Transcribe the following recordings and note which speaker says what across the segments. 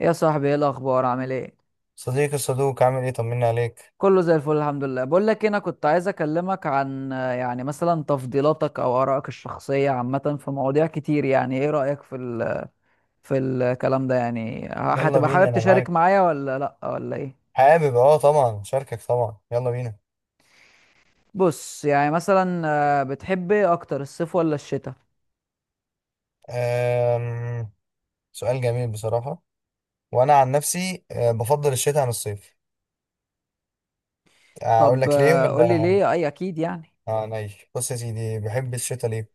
Speaker 1: يا صاحبي، ايه الاخبار؟ عامل ايه؟
Speaker 2: صديقي الصدوق عامل ايه؟ طمني عليك.
Speaker 1: كله زي الفل، الحمد لله. بقول لك إيه، انا كنت عايز اكلمك عن يعني مثلا تفضيلاتك او ارائك الشخصيه عامه في مواضيع كتير. يعني ايه رايك في في الكلام ده؟ يعني
Speaker 2: يلا
Speaker 1: هتبقى
Speaker 2: بينا
Speaker 1: حابب
Speaker 2: انا
Speaker 1: تشارك
Speaker 2: معاك.
Speaker 1: معايا ولا لا؟ ولا ايه؟
Speaker 2: حابب طبعا شاركك، طبعا يلا بينا.
Speaker 1: بص يعني مثلا، بتحب ايه اكتر، الصيف ولا الشتاء؟
Speaker 2: أم... سؤال جميل بصراحة. وانا عن نفسي بفضل الشتاء عن الصيف. اقول
Speaker 1: طب
Speaker 2: لك ليه
Speaker 1: قول
Speaker 2: ولا؟
Speaker 1: لي ليه، اي اكيد يعني.
Speaker 2: اه نايش. بص يا سيدي، بحب الشتاء ليه؟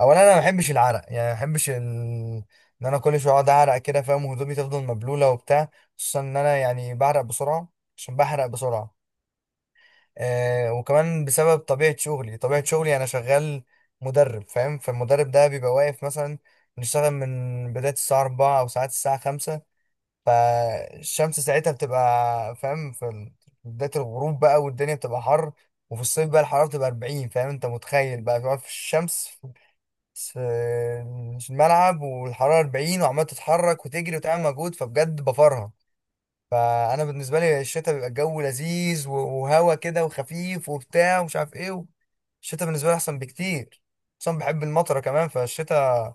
Speaker 2: اولا انا ما بحبش العرق، يعني ما بحبش ان انا كل شويه اقعد اعرق كده فاهم، وهدومي تفضل مبلوله وبتاع. خصوصا ان انا يعني بعرق بسرعه، عشان بحرق بسرعه. وكمان بسبب طبيعة شغلي. أنا شغال مدرب فاهم، فالمدرب ده بيبقى واقف مثلا. بنشتغل من بداية الساعة 4 أو ساعات الساعة 5. فالشمس ساعتها بتبقى فاهم بداية الغروب بقى، والدنيا بتبقى حر. وفي الصيف بقى الحرارة بتبقى 40، فاهم؟ أنت متخيل بقى بتقعد في الشمس في في الملعب والحرارة 40، وعمال تتحرك وتجري وتعمل مجهود، فبجد بفرها. فانا بالنسبه لي الشتاء بيبقى الجو لذيذ وهوا كده وخفيف وبتاع ومش عارف ايه. الشتاء بالنسبه لي احسن بكتير، اصلا بحب المطره كمان فالشتاء.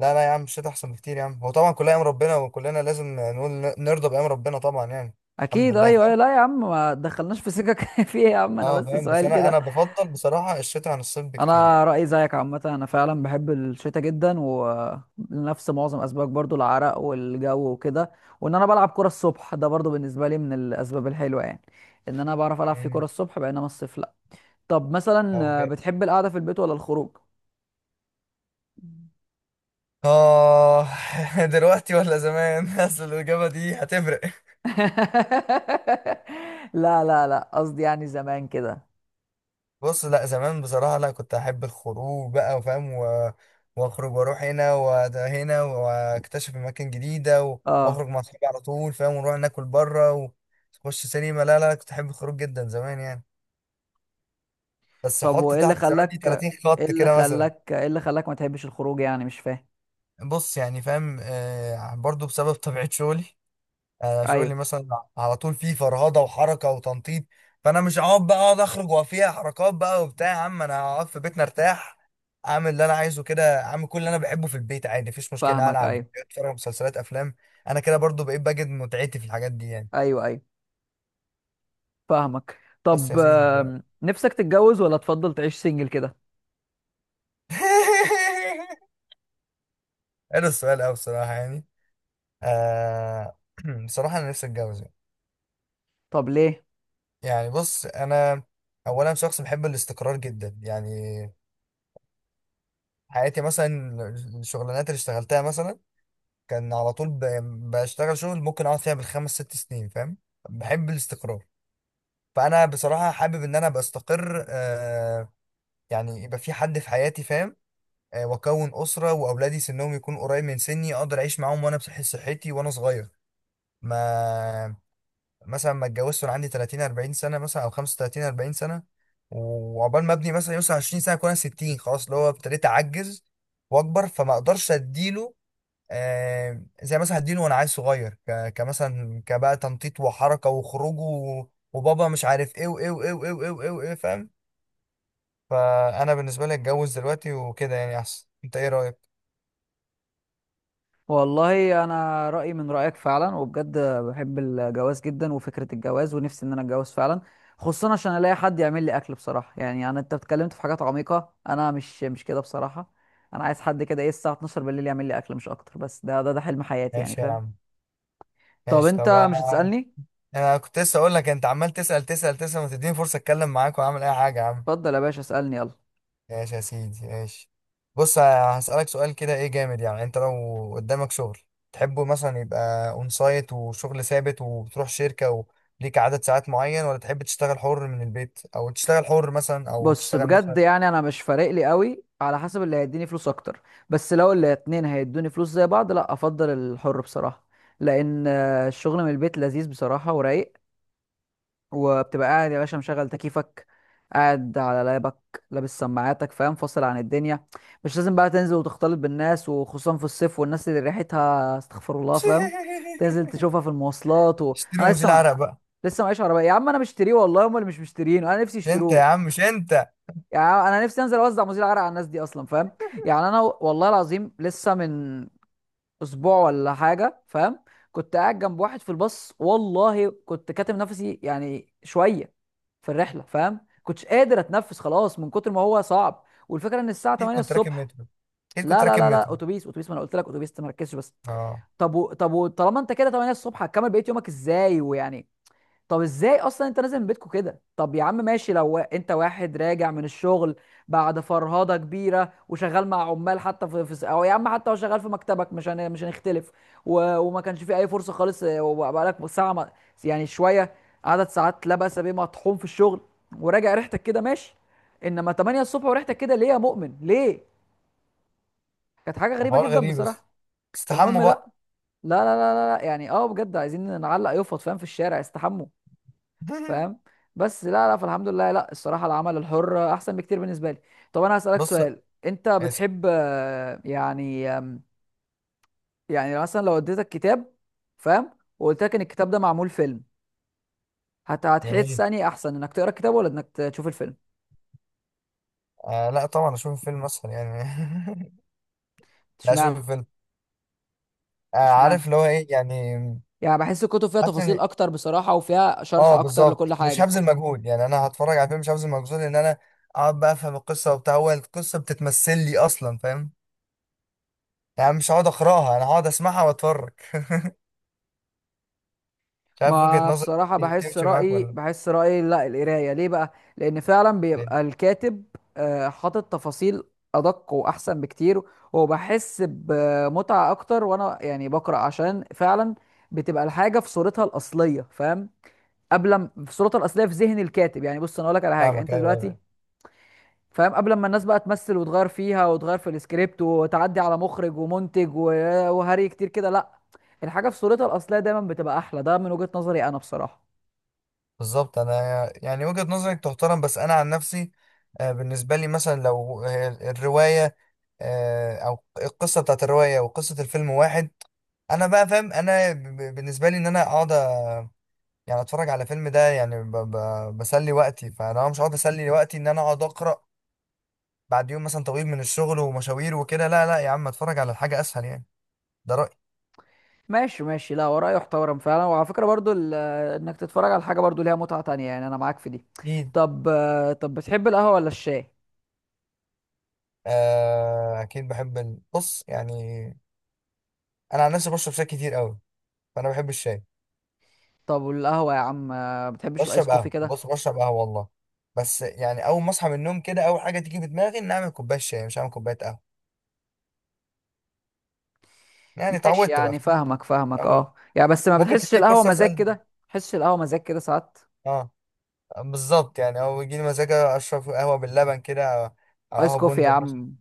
Speaker 2: لا لا يا عم، الشتاء احسن بكتير يا عم. هو طبعا كلها ايام ربنا، وكلنا لازم نقول نرضى بايام ربنا طبعا يعني. الحمد
Speaker 1: اكيد،
Speaker 2: لله
Speaker 1: ايوه ايوه،
Speaker 2: فاهم.
Speaker 1: لا يا عم، ما دخلناش في سكك فيه يا عم، انا
Speaker 2: اه
Speaker 1: بس
Speaker 2: فاهم، بس
Speaker 1: سؤال
Speaker 2: انا
Speaker 1: كده.
Speaker 2: انا بفضل بصراحه الشتاء عن الصيف بكتير
Speaker 1: انا
Speaker 2: يعني.
Speaker 1: رايي زيك عامه، انا فعلا بحب الشتاء جدا ولنفس معظم اسبابك، برضو العرق والجو وكده. وان انا بلعب كره الصبح ده برضو بالنسبه لي من الاسباب الحلوه، يعني ان انا بعرف العب في كره
Speaker 2: مم.
Speaker 1: الصبح بينما الصيف لا. طب
Speaker 2: اه
Speaker 1: مثلا
Speaker 2: بجد.
Speaker 1: بتحب القعده في البيت ولا الخروج؟
Speaker 2: آه، دلوقتي ولا زمان؟ اصل الاجابه دي هتفرق.
Speaker 1: لا لا لا، قصدي يعني زمان كده.
Speaker 2: بص لا، زمان بصراحة لا، كنت أحب الخروج بقى وفاهم وأخرج وأروح هنا وده هنا وأكتشف أماكن جديدة
Speaker 1: اه،
Speaker 2: وأخرج مع أصحابي على طول فاهم، ونروح ناكل بره ونخش سينما. لا لا، كنت أحب الخروج جدا زمان يعني. بس
Speaker 1: طب
Speaker 2: حط
Speaker 1: وايه اللي
Speaker 2: تحت زمان دي
Speaker 1: خلاك
Speaker 2: 30
Speaker 1: ايه
Speaker 2: خط
Speaker 1: اللي
Speaker 2: كده مثلا.
Speaker 1: خلاك ايه اللي خلاك ما تحبش الخروج؟ يعني مش فاهم.
Speaker 2: بص يعني فاهم، برضو بسبب طبيعة شغلي. يعني انا
Speaker 1: ايوه،
Speaker 2: شغلي مثلا على طول فيه فرهضه وحركه وتنطيط. فانا مش هقعد بقى اقعد اخرج وفيها حركات بقى وبتاع. يا عم انا هقعد في بيتنا ارتاح، اعمل اللي انا عايزه كده، اعمل كل اللي انا بحبه في البيت عادي، مفيش مشكله.
Speaker 1: فاهمك،
Speaker 2: العب،
Speaker 1: ايوه
Speaker 2: اتفرج على مسلسلات، افلام. انا كده برضو بقيت بجد متعتي في الحاجات دي يعني.
Speaker 1: ايوه. ايوه، فاهمك.
Speaker 2: بس يا
Speaker 1: طب
Speaker 2: سيدي بقى.
Speaker 1: نفسك تتجوز ولا تفضل تعيش سنجل كده؟
Speaker 2: حلو السؤال قوي بصراحه يعني. آه بصراحه انا نفسي اتجوز يعني.
Speaker 1: طب ليه؟
Speaker 2: يعني بص انا، اولا شخص بحب الاستقرار جدا يعني. حياتي مثلا، الشغلانات اللي اشتغلتها مثلا، كان على طول بشتغل شغل ممكن اقعد فيها بالخمس ست سنين فاهم. بحب الاستقرار. فانا بصراحة حابب ان انا ابقى استقر يعني يبقى في حد في حياتي فاهم. واكون اسرة، واولادي سنهم يكون قريب من سني، اقدر اعيش معاهم وانا بصحة صحتي وانا صغير. ما مثلا ما اتجوزت وانا عندي 30 40 سنة مثلا، او 35 40 سنة. وعقبال ما ابني مثلا يوصل 20 سنة اكون انا 60، خلاص اللي هو ابتديت اعجز واكبر، فما اقدرش اديله زي مثلا هديله وانا عيل صغير، كمثلا كبقى تنطيط وحركه وخروج وبابا مش عارف ايه وايه وايه وايه وايه وايه وايه فاهم. فانا بالنسبه لي اتجوز دلوقتي وكده يعني احسن. انت ايه رايك؟
Speaker 1: والله انا رايي من رايك فعلا، وبجد بحب الجواز جدا وفكره الجواز، ونفسي ان انا اتجوز فعلا، خصوصا عشان الاقي حد يعمل لي اكل بصراحه. يعني انا، انت اتكلمت في حاجات عميقه، انا مش كده بصراحه. انا عايز حد كده، ايه، الساعه 12 بالليل يعمل لي اكل، مش اكتر، بس ده حلم حياتي يعني،
Speaker 2: ماشي يا
Speaker 1: فاهم؟
Speaker 2: عم،
Speaker 1: طب
Speaker 2: ماشي طب
Speaker 1: انت مش
Speaker 2: انا.
Speaker 1: هتسالني؟
Speaker 2: أنا كنت لسه اقول لك، انت عمال تسال تسال تسال، ما تديني فرصه اتكلم معاك واعمل اي حاجه يا عم.
Speaker 1: اتفضل يا باشا، اسالني يلا.
Speaker 2: ماشي يا سيدي ماشي. بص هسألك سؤال كده ايه جامد يعني، انت لو قدامك شغل تحبه مثلا، يبقى اون سايت وشغل ثابت وبتروح شركة وليك عدد ساعات معين، ولا تحب تشتغل حر من البيت، او تشتغل حر مثلا، او
Speaker 1: بص
Speaker 2: تشتغل
Speaker 1: بجد،
Speaker 2: مثلا.
Speaker 1: يعني انا مش فارق لي قوي، على حسب اللي هيديني فلوس اكتر. بس لو الاتنين هيدوني فلوس زي بعض، لا افضل الحر بصراحة. لان الشغل من البيت لذيذ بصراحة ورايق، وبتبقى قاعد يا باشا مشغل تكييفك، قاعد على لابك، لابس سماعاتك، فاهم، فاصل عن الدنيا. مش لازم بقى تنزل وتختلط بالناس، وخصوصا في الصيف، والناس اللي ريحتها استغفر الله، فاهم. تنزل تشوفها في المواصلات، انا
Speaker 2: اشتري
Speaker 1: لسه
Speaker 2: مزيل عرق بقى.
Speaker 1: لسه معيش عربية. يا عم انا مشتريه والله، هم اللي مش مشترينه، انا نفسي
Speaker 2: مش انت يا
Speaker 1: يشتروه.
Speaker 2: عم، مش انت.
Speaker 1: يعني انا نفسي انزل اوزع مزيل عرق على الناس دي اصلا، فاهم. يعني انا والله العظيم لسه من اسبوع ولا حاجه، فاهم، كنت قاعد جنب واحد في الباص، والله كنت كاتم نفسي يعني شويه في الرحله، فاهم، كنتش قادر اتنفس خلاص من كتر ما هو صعب. والفكره ان الساعه
Speaker 2: اكيد
Speaker 1: 8
Speaker 2: كنت راكب
Speaker 1: الصبح.
Speaker 2: مترو. اكيد
Speaker 1: لا
Speaker 2: كنت
Speaker 1: لا
Speaker 2: راكب
Speaker 1: لا لا،
Speaker 2: مترو.
Speaker 1: اتوبيس اتوبيس، ما انا قلت لك اتوبيس، تركزش بس.
Speaker 2: اه.
Speaker 1: طالما انت كده 8 الصبح، هتكمل بقيه يومك ازاي ويعني؟ طب ازاي اصلا انت نازل من بيتكو كده؟ طب يا عم ماشي، لو انت واحد راجع من الشغل بعد فرهضه كبيره وشغال مع عمال، حتى في, في او يا عم حتى لو شغال في مكتبك، مش هنختلف. وما كانش في اي فرصه خالص، وبقالك ساعه ما... يعني شويه، عدد ساعات لا بأس بيه، مطحون في الشغل وراجع ريحتك كده، ماشي. انما 8 الصبح وريحتك كده، ليه يا مؤمن؟ ليه؟ كانت حاجه غريبه
Speaker 2: حوار
Speaker 1: جدا
Speaker 2: غريب بس،
Speaker 1: بصراحه. فالمهم،
Speaker 2: استحموا
Speaker 1: لا
Speaker 2: بقى.
Speaker 1: لا لا لا، لا، يعني اه بجد عايزين نعلق يفط، فاهم، في الشارع: استحموا. فاهم. بس لا لا، فالحمد لله، لا الصراحه العمل الحر احسن بكتير بالنسبه لي. طب انا هسالك
Speaker 2: بص
Speaker 1: سؤال، انت
Speaker 2: اسف.
Speaker 1: بتحب يعني يعني مثلا لو اديتك كتاب، فاهم، وقلت لك ان الكتاب ده معمول فيلم، هتحس
Speaker 2: جميل.
Speaker 1: اني احسن انك تقرا الكتاب ولا انك تشوف الفيلم؟
Speaker 2: آه لا طبعا اشوف فيلم اسهل يعني. لا
Speaker 1: اشمعنى؟
Speaker 2: شوف انت، عارف
Speaker 1: اشمعنى؟
Speaker 2: اللي هو ايه يعني.
Speaker 1: يعني بحس الكتب فيها
Speaker 2: حاسس ان
Speaker 1: تفاصيل اكتر بصراحه، وفيها شرح
Speaker 2: اه
Speaker 1: اكتر لكل
Speaker 2: بالظبط مش
Speaker 1: حاجه.
Speaker 2: هبذل مجهود، يعني انا هتفرج على فيلم مش هبذل مجهود ان انا اقعد بقى افهم القصه وبتاع، هو القصه بتتمثل لي اصلا فاهم. يعني مش هقعد اقراها، انا هقعد اسمعها واتفرج. مش عارف وجهه
Speaker 1: ما
Speaker 2: نظرك،
Speaker 1: بصراحة،
Speaker 2: دي
Speaker 1: بحس
Speaker 2: تمشي معاك
Speaker 1: رأيي
Speaker 2: ولا؟
Speaker 1: بحس رأيي لا القراية ليه بقى؟ لأن فعلا
Speaker 2: ليه؟
Speaker 1: بيبقى الكاتب حاطط تفاصيل أدق وأحسن بكتير، وبحس بمتعة أكتر، وأنا يعني بقرأ عشان فعلا بتبقى الحاجة في صورتها الأصلية، فاهم؟ قبل ما- في صورتها الأصلية في ذهن الكاتب، يعني بص أنا أقول لك على حاجة
Speaker 2: فاهمك
Speaker 1: أنت
Speaker 2: ايوه
Speaker 1: دلوقتي،
Speaker 2: ايوه
Speaker 1: فاهم، قبل ما الناس بقى تمثل وتغير فيها وتغير في السكريبت وتعدي على مخرج ومنتج وهري كتير كده، لا، الحاجة في صورتها الأصلية دايما بتبقى أحلى، ده من وجهة نظري أنا بصراحة.
Speaker 2: بالظبط. انا يعني وجهه نظرك تحترم، بس انا عن نفسي بالنسبه لي مثلا لو الروايه او القصه بتاعت الروايه وقصه الفيلم واحد، انا بقى فاهم انا بالنسبه لي ان انا اقعد يعني اتفرج على فيلم ده يعني بسلي وقتي. فانا مش هقعد اسلي وقتي ان انا اقعد اقرا بعد يوم مثلا طويل من الشغل ومشاوير وكده. لا لا يا عم، اتفرج على حاجه اسهل يعني. ده رايي.
Speaker 1: ماشي ماشي، لا وراه يحترم فعلا. وعلى فكرة برضو انك تتفرج على حاجة برضو ليها متعة تانية، يعني انا معاك في دي.
Speaker 2: اكيد.
Speaker 1: طب طب بتحب القهوة ولا الشاي؟
Speaker 2: آه اكيد بحب بص يعني، انا عن نفسي بشرب شاي كتير قوي، فانا بحب الشاي.
Speaker 1: طب والقهوة يا عم، بتحبش الايس
Speaker 2: بشرب
Speaker 1: كوفي
Speaker 2: قهوه،
Speaker 1: كده؟
Speaker 2: بص بشرب قهوه والله، بس يعني اول ما اصحى من النوم كده اول حاجه تيجي في دماغي ان اعمل كوبايه شاي، مش هعمل كوبايه قهوه. يعني
Speaker 1: ماشي،
Speaker 2: اتعودت بقى
Speaker 1: يعني
Speaker 2: فاهم؟
Speaker 1: فاهمك،
Speaker 2: اتعودت.
Speaker 1: اه يعني، بس ما
Speaker 2: ممكن
Speaker 1: بتحسش
Speaker 2: تديني
Speaker 1: القهوة
Speaker 2: فرصه
Speaker 1: مزاج
Speaker 2: اسال؟
Speaker 1: كده بتحسش القهوة مزاج كده ساعات.
Speaker 2: اه بالظبط، يعني او يجي لي مزاج اشرب قهوه باللبن كده، او أو
Speaker 1: ايس
Speaker 2: قهوه
Speaker 1: كوفي يا
Speaker 2: بندق مثلا.
Speaker 1: عم،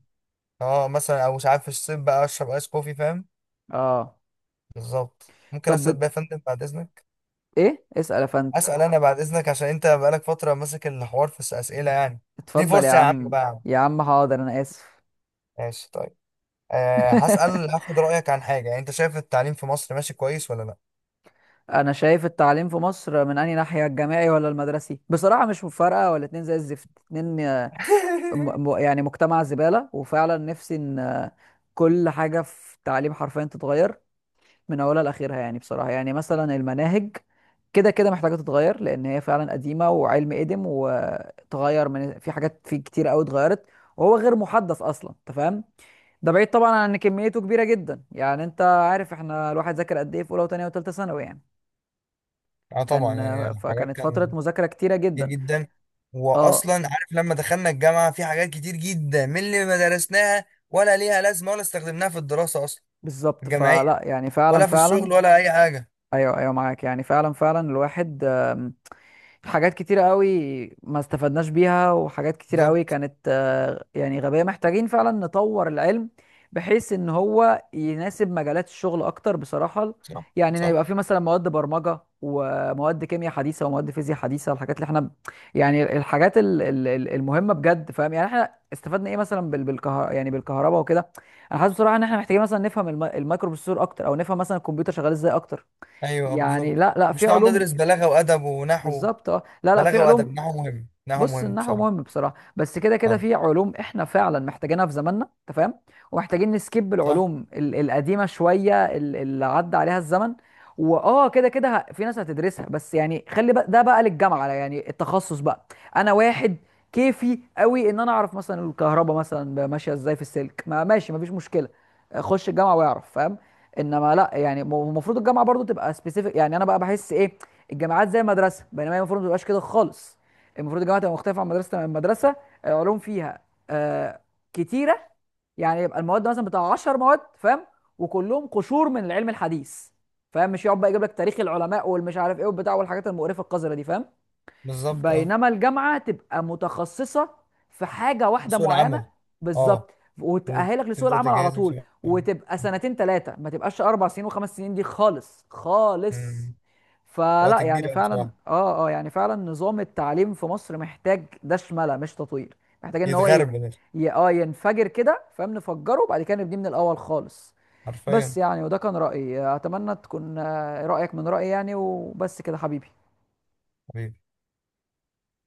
Speaker 2: اه مثلا، او مش عارف في الصيف بقى اشرب ايس كوفي فاهم.
Speaker 1: اه.
Speaker 2: بالظبط. ممكن
Speaker 1: طب
Speaker 2: اسال بقى يا فندم بعد اذنك؟
Speaker 1: ايه، اسأل يا فندم.
Speaker 2: اسال انا بعد اذنك، عشان انت بقالك فتره ماسك الحوار في الاسئله يعني. دي
Speaker 1: اتفضل يا
Speaker 2: فرصه يا عم
Speaker 1: عم.
Speaker 2: بقى يا عم.
Speaker 1: يا عم حاضر، انا اسف.
Speaker 2: ماشي طيب. أه هسال، هاخد رايك عن حاجه، يعني انت شايف التعليم في مصر ماشي كويس ولا لا؟
Speaker 1: انا شايف التعليم في مصر من انهي ناحيه، الجامعي ولا المدرسي؟ بصراحه مش مفارقه، ولا اتنين زي الزفت، اتنين يعني مجتمع زباله. وفعلا نفسي ان كل حاجه في التعليم حرفيا تتغير من اولها لاخرها، يعني بصراحه. يعني مثلا المناهج كده كده محتاجه تتغير، لان هي فعلا قديمه وعلم قدم، وتغير من في حاجات في كتير قوي اتغيرت، وهو غير محدث اصلا انت فاهم. ده بعيد طبعا عن ان كميته كبيره جدا، يعني انت عارف احنا الواحد ذاكر قد ايه في اولى وثانيه وثالثه ثانوي يعني.
Speaker 2: اه طبعا
Speaker 1: كان
Speaker 2: يعني حاجات
Speaker 1: فكانت فترة
Speaker 2: كان
Speaker 1: مذاكرة كتيرة
Speaker 2: كتير
Speaker 1: جدا.
Speaker 2: جدا.
Speaker 1: اه
Speaker 2: واصلا عارف لما دخلنا الجامعه، في حاجات كتير جدا من اللي ما درسناها ولا ليها لازمه ولا استخدمناها في الدراسه اصلا
Speaker 1: بالظبط،
Speaker 2: الجامعيه،
Speaker 1: فلا يعني فعلا
Speaker 2: ولا في
Speaker 1: فعلا.
Speaker 2: الشغل ولا اي حاجه.
Speaker 1: ايوه ايوه معاك، يعني فعلا فعلا، الواحد حاجات كتيرة قوي ما استفدناش بيها، وحاجات كتيرة قوي
Speaker 2: بالظبط
Speaker 1: كانت يعني غبية. محتاجين فعلا نطور العلم، بحيث ان هو يناسب مجالات الشغل اكتر بصراحة.
Speaker 2: صح
Speaker 1: يعني ان
Speaker 2: صح.
Speaker 1: يبقى في مثلا مواد برمجة، ومواد كيمياء حديثة، ومواد فيزياء حديثة، الحاجات اللي احنا يعني، الحاجات المهمة بجد، فاهم. يعني احنا استفدنا ايه مثلا يعني بالكهرباء وكده؟ انا حاسس بصراحة ان احنا محتاجين مثلا نفهم الميكروبروسيسور اكتر، او نفهم مثلا الكمبيوتر شغال ازاي اكتر.
Speaker 2: ايوه
Speaker 1: يعني
Speaker 2: بالظبط،
Speaker 1: لا لا، في
Speaker 2: مش نقعد ندرس
Speaker 1: علوم.
Speaker 2: بلاغه وادب ونحو.
Speaker 1: بالظبط اه، لا لا، في
Speaker 2: بلاغه وادب،
Speaker 1: علوم.
Speaker 2: نحو مهم، نحو
Speaker 1: بص،
Speaker 2: مهم
Speaker 1: النحو مهم
Speaker 2: بصراحه.
Speaker 1: بصراحه، بس كده كده
Speaker 2: اه
Speaker 1: في علوم احنا فعلا محتاجينها في زماننا، انت فاهم، ومحتاجين نسكيب
Speaker 2: صح
Speaker 1: العلوم القديمه شويه، اللي عدى عليها الزمن. واه كده كده، في ناس هتدرسها، بس يعني خلي بقى ده بقى للجامعه يعني، التخصص بقى. انا واحد كيفي قوي ان انا اعرف مثلا الكهرباء مثلا ماشيه ازاي في السلك، ما ماشي مفيش مشكله، خش الجامعه واعرف، فاهم. انما لا يعني، المفروض الجامعه برضو تبقى سبيسيفيك. يعني انا بقى بحس ايه، الجامعات زي المدرسه، بينما هي المفروض ما تبقاش كده خالص. المفروض الجامعه تبقى مختلفه عن مدرسه، العلوم فيها آه كتيره، يعني يبقى المواد مثلا بتاع 10 مواد، فاهم، وكلهم قشور من العلم الحديث، فاهم. مش يقعد بقى يجيب لك تاريخ العلماء والمش عارف ايه والبتاع والحاجات المقرفه القذره دي، فاهم.
Speaker 2: بالظبط. اه
Speaker 1: بينما الجامعة تبقى متخصصة في حاجة واحدة
Speaker 2: سوق
Speaker 1: معينة.
Speaker 2: العمل. اه،
Speaker 1: بالظبط، وتأهلك لسوق
Speaker 2: وتبدا
Speaker 1: العمل على
Speaker 2: تجهز
Speaker 1: طول، وتبقى سنتين ثلاثة، ما تبقاش أربع سنين وخمس سنين دي خالص خالص.
Speaker 2: مم.
Speaker 1: فلا
Speaker 2: وقت كبير
Speaker 1: يعني
Speaker 2: قوي
Speaker 1: فعلا،
Speaker 2: بصراحه.
Speaker 1: يعني فعلا نظام التعليم في مصر محتاج دشملة مش تطوير. محتاج ان هو
Speaker 2: يتغرب
Speaker 1: يت...
Speaker 2: ده
Speaker 1: ي... اه ينفجر كده، فاهم، نفجره وبعد كده نبنيه من الأول خالص. بس
Speaker 2: حرفيا.
Speaker 1: يعني، وده كان رأيي، أتمنى تكون رأيك من رأيي يعني، وبس كده حبيبي.